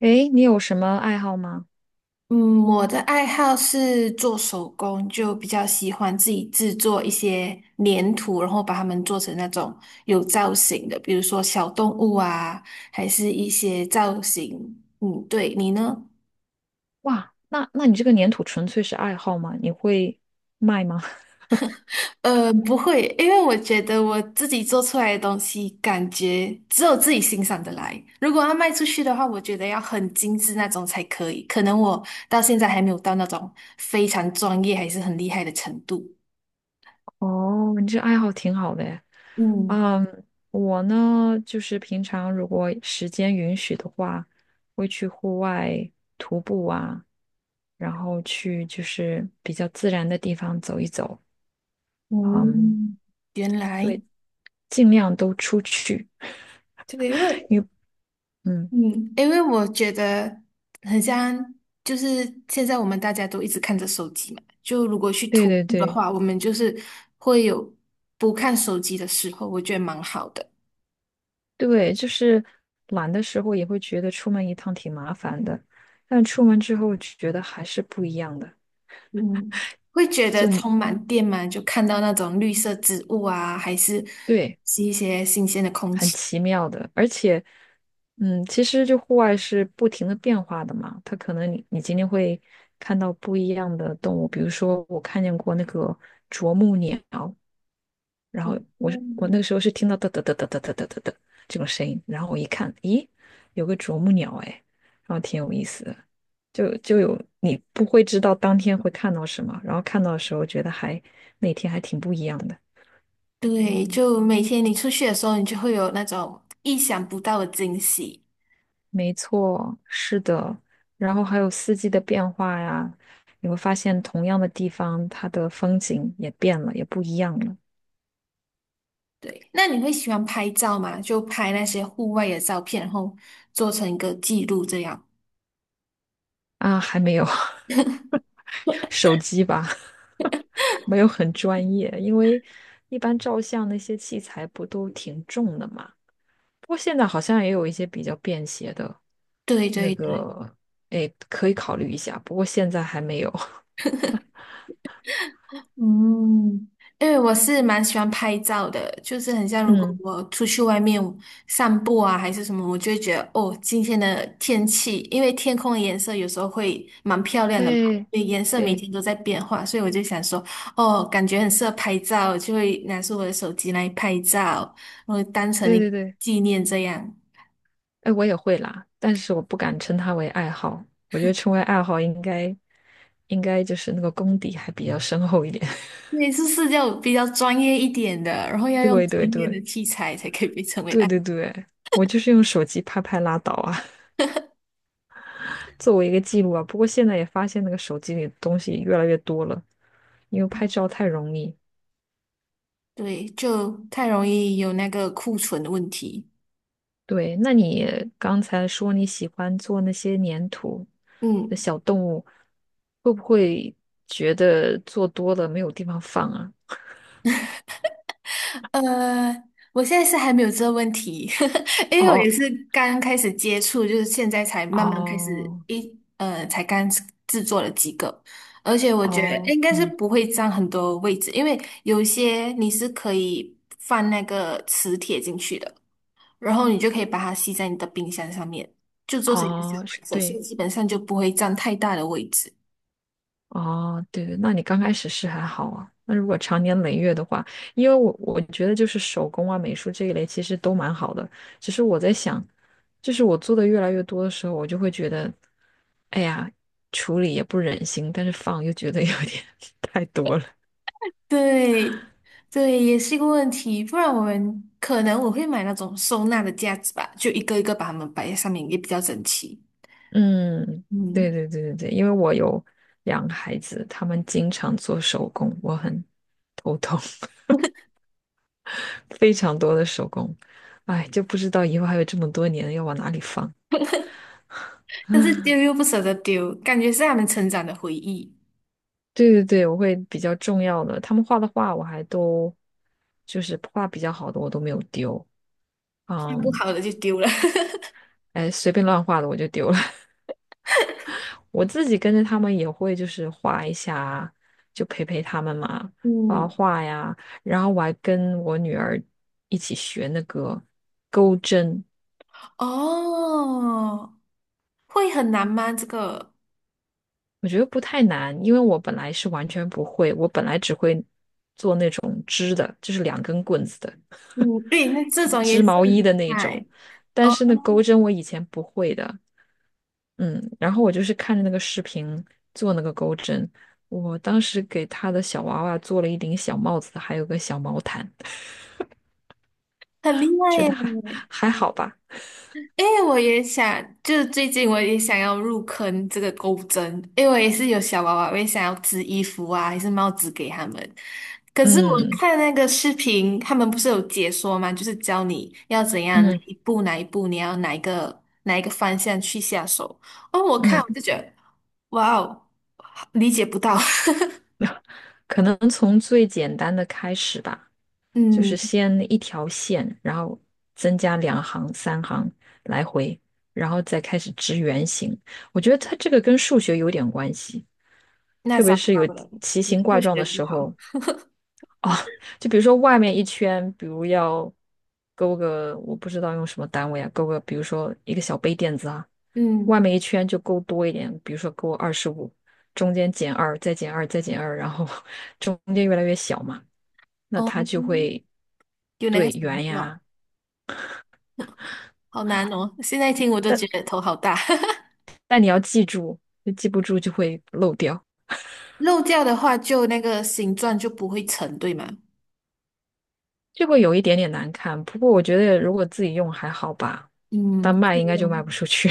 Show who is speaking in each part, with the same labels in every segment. Speaker 1: 诶，你有什么爱好吗？
Speaker 2: 嗯，我的爱好是做手工，就比较喜欢自己制作一些粘土，然后把它们做成那种有造型的，比如说小动物啊，还是一些造型。嗯，对，你呢？
Speaker 1: 哇，那你这个粘土纯粹是爱好吗？你会卖吗？
Speaker 2: 不会，因为我觉得我自己做出来的东西，感觉只有自己欣赏的来。如果要卖出去的话，我觉得要很精致那种才可以。可能我到现在还没有到那种非常专业还是很厉害的程度。
Speaker 1: 哦，你这爱好挺好的诶。
Speaker 2: 嗯。
Speaker 1: 嗯，我呢，就是平常如果时间允许的话，会去户外徒步啊，然后去就是比较自然的地方走一走。嗯，
Speaker 2: 嗯，原来
Speaker 1: 对，尽量都出去，
Speaker 2: 这个，因为
Speaker 1: 因为嗯，
Speaker 2: 嗯，因为我觉得很像，就是现在我们大家都一直看着手机嘛，就如果去
Speaker 1: 对
Speaker 2: 徒
Speaker 1: 对
Speaker 2: 步的
Speaker 1: 对。
Speaker 2: 话，我们就是会有不看手机的时候，我觉得蛮好的。
Speaker 1: 对，就是懒的时候也会觉得出门一趟挺麻烦的，但出门之后觉得还是不一样的，
Speaker 2: 嗯，会觉得
Speaker 1: 就
Speaker 2: 充满电嘛，就看到那种绿色植物啊，还是
Speaker 1: 对，
Speaker 2: 是一些新鲜的空
Speaker 1: 很
Speaker 2: 气。
Speaker 1: 奇妙的。而且，嗯，其实就户外是不停的变化的嘛，它可能你今天会看到不一样的动物，比如说我看见过那个啄木鸟，然后我
Speaker 2: 嗯，
Speaker 1: 那个时候是听到哒哒哒哒哒哒哒哒哒这种声音，然后我一看，咦，有个啄木鸟哎，然后挺有意思的，就有你不会知道当天会看到什么，然后看到的时候觉得还那天还挺不一样的。
Speaker 2: 对，就每天你出去的时候，你就会有那种意想不到的惊喜。
Speaker 1: 没错，是的，然后还有四季的变化呀，你会发现同样的地方，它的风景也变了，也不一样了。
Speaker 2: 对，那你会喜欢拍照吗？就拍那些户外的照片，然后做成一个记录这样。
Speaker 1: 啊，还没有 手机吧，没有很专业，因为一般照相那些器材不都挺重的嘛。不过现在好像也有一些比较便携的，
Speaker 2: 对
Speaker 1: 那
Speaker 2: 对对，
Speaker 1: 个，哎，可以考虑一下。不过现在还没有。
Speaker 2: 嗯，因为我是蛮喜欢拍照的，就是很像如果
Speaker 1: 嗯，
Speaker 2: 我出去外面散步啊，还是什么，我就会觉得哦，今天的天气，因为天空的颜色有时候会蛮漂亮的嘛，
Speaker 1: 对，
Speaker 2: 因为颜色每
Speaker 1: 对，
Speaker 2: 天都在变化，所以我就想说，哦，感觉很适合拍照，就会拿出我的手机来拍照，然后当成
Speaker 1: 对
Speaker 2: 一个
Speaker 1: 对对，
Speaker 2: 纪念这样。
Speaker 1: 哎，我也会啦，但是我不敢称它为爱好。我觉得称为爱好应该，应该就是那个功底还比较深厚一点。
Speaker 2: 对，是是要比较专业一点的，然后要用
Speaker 1: 对对
Speaker 2: 专业
Speaker 1: 对。
Speaker 2: 的器材才可以被称为
Speaker 1: 对
Speaker 2: 爱。
Speaker 1: 对对，我就是用手机拍拍拉倒啊，作为一个记录啊。不过现在也发现那个手机里的东西越来越多了，因为拍照太容易。
Speaker 2: 对，就太容易有那个库存的问题。
Speaker 1: 对，那你刚才说你喜欢做那些粘土的
Speaker 2: 嗯，
Speaker 1: 小动物，会不会觉得做多了没有地方放啊？
Speaker 2: 呃，我现在是还没有这个问题，因为我也
Speaker 1: 哦
Speaker 2: 是刚开始接触，就是现在才慢慢开始
Speaker 1: 哦
Speaker 2: 才刚制作了几个，而且我觉得
Speaker 1: 哦，
Speaker 2: 应该是
Speaker 1: 嗯，
Speaker 2: 不会占很多位置，因为有些你是可以放那个磁铁进去的。然后你就可以把它吸在你的冰箱上面，就做成一个小
Speaker 1: 哦，是
Speaker 2: 摆设，所以
Speaker 1: 对。
Speaker 2: 基本上就不会占太大的位置。
Speaker 1: 哦，对对，那你刚开始是还好啊。那如果长年累月的话，因为我觉得就是手工啊、美术这一类其实都蛮好的，只是我在想，就是我做的越来越多的时候，我就会觉得，哎呀，处理也不忍心，但是放又觉得有点 太多了。
Speaker 2: 对，对，也是一个问题。不然我们可能我会买那种收纳的架子吧，就一个一个把它们摆在上面，也比较整齐。
Speaker 1: 嗯，对
Speaker 2: 嗯，
Speaker 1: 对对对对，因为我有2个孩子，他们经常做手工，我很头痛，非常多的手工，哎，就不知道以后还有这么多年要往哪里放。
Speaker 2: 但是丢又不舍得丢，感觉是他们成长的回忆，
Speaker 1: 对对对，我会比较重要的，他们画的画我还都就是画比较好的我都没有丢，
Speaker 2: 换不
Speaker 1: 嗯，
Speaker 2: 好的就丢了。
Speaker 1: 哎，随便乱画的我就丢了。我自己跟着他们也会就是画一下，就陪陪他们嘛，画
Speaker 2: 嗯，
Speaker 1: 画呀。然后我还跟我女儿一起学那个钩针，
Speaker 2: 哦，会很难吗？这个，
Speaker 1: 我觉得不太难，因为我本来是完全不会，我本来只会做那种织的，就是2根棍子的。
Speaker 2: 嗯，对，那这种也
Speaker 1: 织
Speaker 2: 是
Speaker 1: 毛
Speaker 2: 很
Speaker 1: 衣的
Speaker 2: 厉
Speaker 1: 那种，
Speaker 2: 害
Speaker 1: 但
Speaker 2: 哦，
Speaker 1: 是那钩针我以前不会的，嗯，然后我就是看着那个视频做那个钩针，我当时给他的小娃娃做了一顶小帽子，还有个小毛毯，
Speaker 2: 很厉害
Speaker 1: 觉
Speaker 2: 耶。
Speaker 1: 得还好吧，
Speaker 2: 哎，我也想，就是最近我也想要入坑这个钩针，因为我也是有小娃娃，我也想要织衣服啊，还是帽子给他们。可是我
Speaker 1: 嗯
Speaker 2: 看那个视频，他们不是有解说吗？就是教你要怎样哪
Speaker 1: 嗯
Speaker 2: 一步哪一步，你要哪一个哪一个方向去下手。哦，我看
Speaker 1: 嗯，
Speaker 2: 我就觉得，哇哦，理解不到。
Speaker 1: 可能从最简单的开始吧，就是
Speaker 2: 嗯，
Speaker 1: 先一条线，然后增加2行、3行来回，然后再开始织圆形，我觉得它这个跟数学有点关系。
Speaker 2: 那
Speaker 1: 特
Speaker 2: 糟
Speaker 1: 别是有
Speaker 2: 糕了，
Speaker 1: 奇
Speaker 2: 我
Speaker 1: 形怪
Speaker 2: 数
Speaker 1: 状的
Speaker 2: 学不
Speaker 1: 时
Speaker 2: 好。
Speaker 1: 候，就比如说外面一圈，比如要勾个，我不知道用什么单位啊，勾个，比如说一个小杯垫子啊，外
Speaker 2: 嗯，
Speaker 1: 面一圈就勾多一点，比如说勾25，中间减二，再减二，再减二，然后 中间越来越小嘛，那
Speaker 2: 哦，
Speaker 1: 它就会
Speaker 2: 有那个
Speaker 1: 对
Speaker 2: 想
Speaker 1: 圆
Speaker 2: 法，
Speaker 1: 呀，
Speaker 2: 好难哦！现在听我都觉得
Speaker 1: 但
Speaker 2: 头好大。
Speaker 1: 但你要记住，就记不住就会漏掉，
Speaker 2: 漏掉的话，就那个形状就不会成，对吗？
Speaker 1: 就会有一点点难看。不过我觉得如果自己用还好吧，但
Speaker 2: 嗯，
Speaker 1: 卖应该就卖不出去。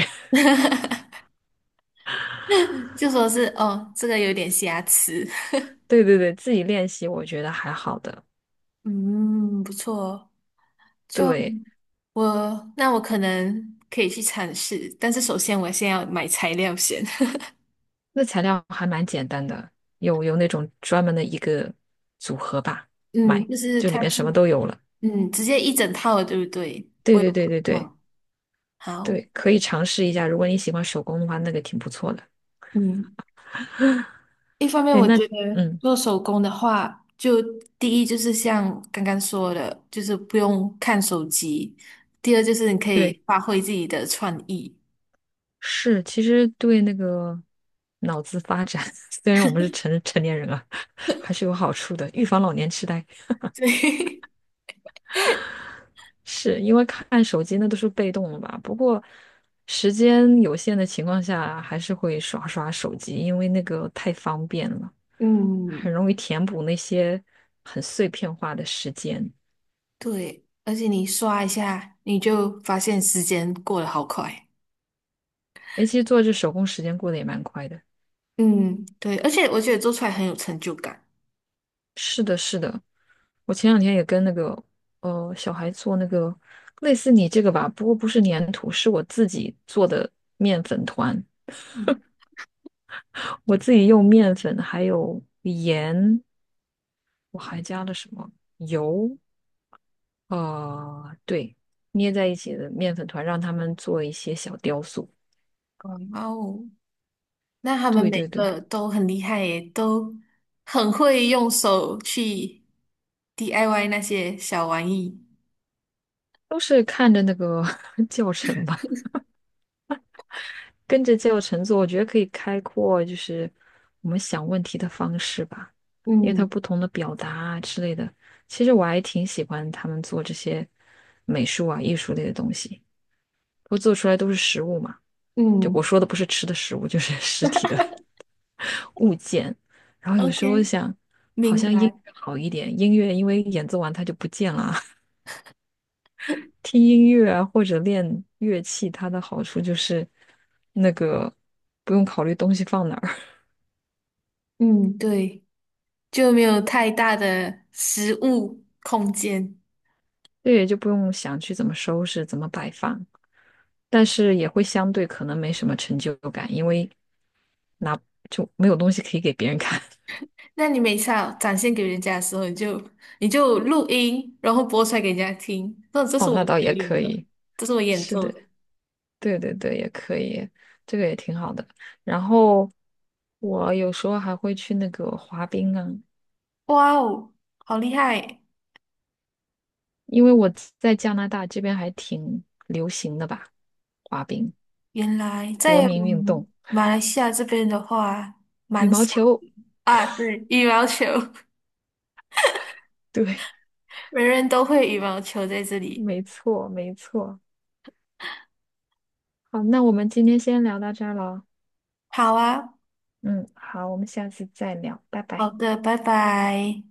Speaker 2: 就说是哦，这个有点瑕疵。
Speaker 1: 对对对，自己练习我觉得还好的。
Speaker 2: 嗯，不错哦，就
Speaker 1: 对，
Speaker 2: 那我可能可以去尝试，但是首先我先要买材料先。
Speaker 1: 那材料还蛮简单的，有那种专门的一个组合吧，
Speaker 2: 嗯，
Speaker 1: 买，
Speaker 2: 就是
Speaker 1: 就里
Speaker 2: 它
Speaker 1: 面
Speaker 2: 是
Speaker 1: 什么都有了。
Speaker 2: 嗯，直接一整套的，对不对？我
Speaker 1: 对
Speaker 2: 有
Speaker 1: 对
Speaker 2: 看
Speaker 1: 对对对
Speaker 2: 到。好，
Speaker 1: 对，可以尝试一下。如果你喜欢手工的话，那个挺不错的。
Speaker 2: 嗯。一方面，
Speaker 1: 哎，
Speaker 2: 我
Speaker 1: 那
Speaker 2: 觉得
Speaker 1: 嗯，
Speaker 2: 做手工的话，就第一就是像刚刚说的，就是不用看手机；第二就是你可以
Speaker 1: 对，
Speaker 2: 发挥自己的创意。
Speaker 1: 是，其实对那个脑子发展，虽然我们是成年人了，还是有好处的，预防老年痴呆。
Speaker 2: 对，
Speaker 1: 是因为看手机那都是被动的吧？不过时间有限的情况下，还是会刷刷手机，因为那个太方便了，很
Speaker 2: 嗯，
Speaker 1: 容易填补那些很碎片化的时间。
Speaker 2: 对，而且你刷一下，你就发现时间过得好快。
Speaker 1: 诶，其实做这手工时间过得也蛮快的。
Speaker 2: 嗯，对，而且我觉得做出来很有成就感。
Speaker 1: 是的，是的，我前2天也跟那个小孩做那个类似你这个吧，不过不是粘土，是我自己做的面粉团，
Speaker 2: 嗯，
Speaker 1: 我自己用面粉还有盐，我还加了什么油。哦，对，捏在一起的面粉团，让他们做一些小雕塑。
Speaker 2: 哇哦，那他们
Speaker 1: 对
Speaker 2: 每
Speaker 1: 对对，
Speaker 2: 个都很厉害耶，都很会用手去 DIY 那些小玩意。
Speaker 1: 都是看着那个 教程吧，跟着教程做，我觉得可以开阔就是我们想问题的方式吧，因为它
Speaker 2: 嗯，
Speaker 1: 不同的表达啊之类的。其实我还挺喜欢他们做这些美术啊、艺术类的东西，不过做出来都是实物嘛。就我
Speaker 2: 嗯，
Speaker 1: 说的不是吃的食物，就是 实体的。物件，然后有时候
Speaker 2: OK，
Speaker 1: 想，好
Speaker 2: 明
Speaker 1: 像音
Speaker 2: 白。
Speaker 1: 乐好一点，音乐因为演奏完它就不见了。听音乐啊，或者练乐器，它的好处就是那个不用考虑东西放哪儿，
Speaker 2: 嗯，对，就没有太大的实物空间。
Speaker 1: 对，就不用想去怎么收拾、怎么摆放，但是也会相对可能没什么成就感，因为就没有东西可以给别人看。
Speaker 2: 那你每次要展现给人家的时候，你就录音，然后播出来给人家听。那这是
Speaker 1: 哦，
Speaker 2: 我
Speaker 1: 那倒
Speaker 2: 表
Speaker 1: 也
Speaker 2: 演
Speaker 1: 可
Speaker 2: 的，
Speaker 1: 以，
Speaker 2: 这是我演
Speaker 1: 是
Speaker 2: 奏
Speaker 1: 的，
Speaker 2: 的。
Speaker 1: 对对对，也可以，这个也挺好的。然后我有时候还会去那个滑冰啊，
Speaker 2: 哇哦，好厉害！
Speaker 1: 因为我在加拿大这边还挺流行的吧，滑冰，
Speaker 2: 原来
Speaker 1: 国
Speaker 2: 在我
Speaker 1: 民运
Speaker 2: 们
Speaker 1: 动，
Speaker 2: 马来西亚这边的话，
Speaker 1: 羽
Speaker 2: 蛮
Speaker 1: 毛
Speaker 2: 少
Speaker 1: 球，
Speaker 2: 啊。对，羽毛球，
Speaker 1: 对，
Speaker 2: 人人都会羽毛球在这里。
Speaker 1: 没错，没错。好，那我们今天先聊到这儿了，
Speaker 2: 好啊，
Speaker 1: 嗯，好，我们下次再聊，拜
Speaker 2: 好
Speaker 1: 拜。
Speaker 2: 的，拜拜。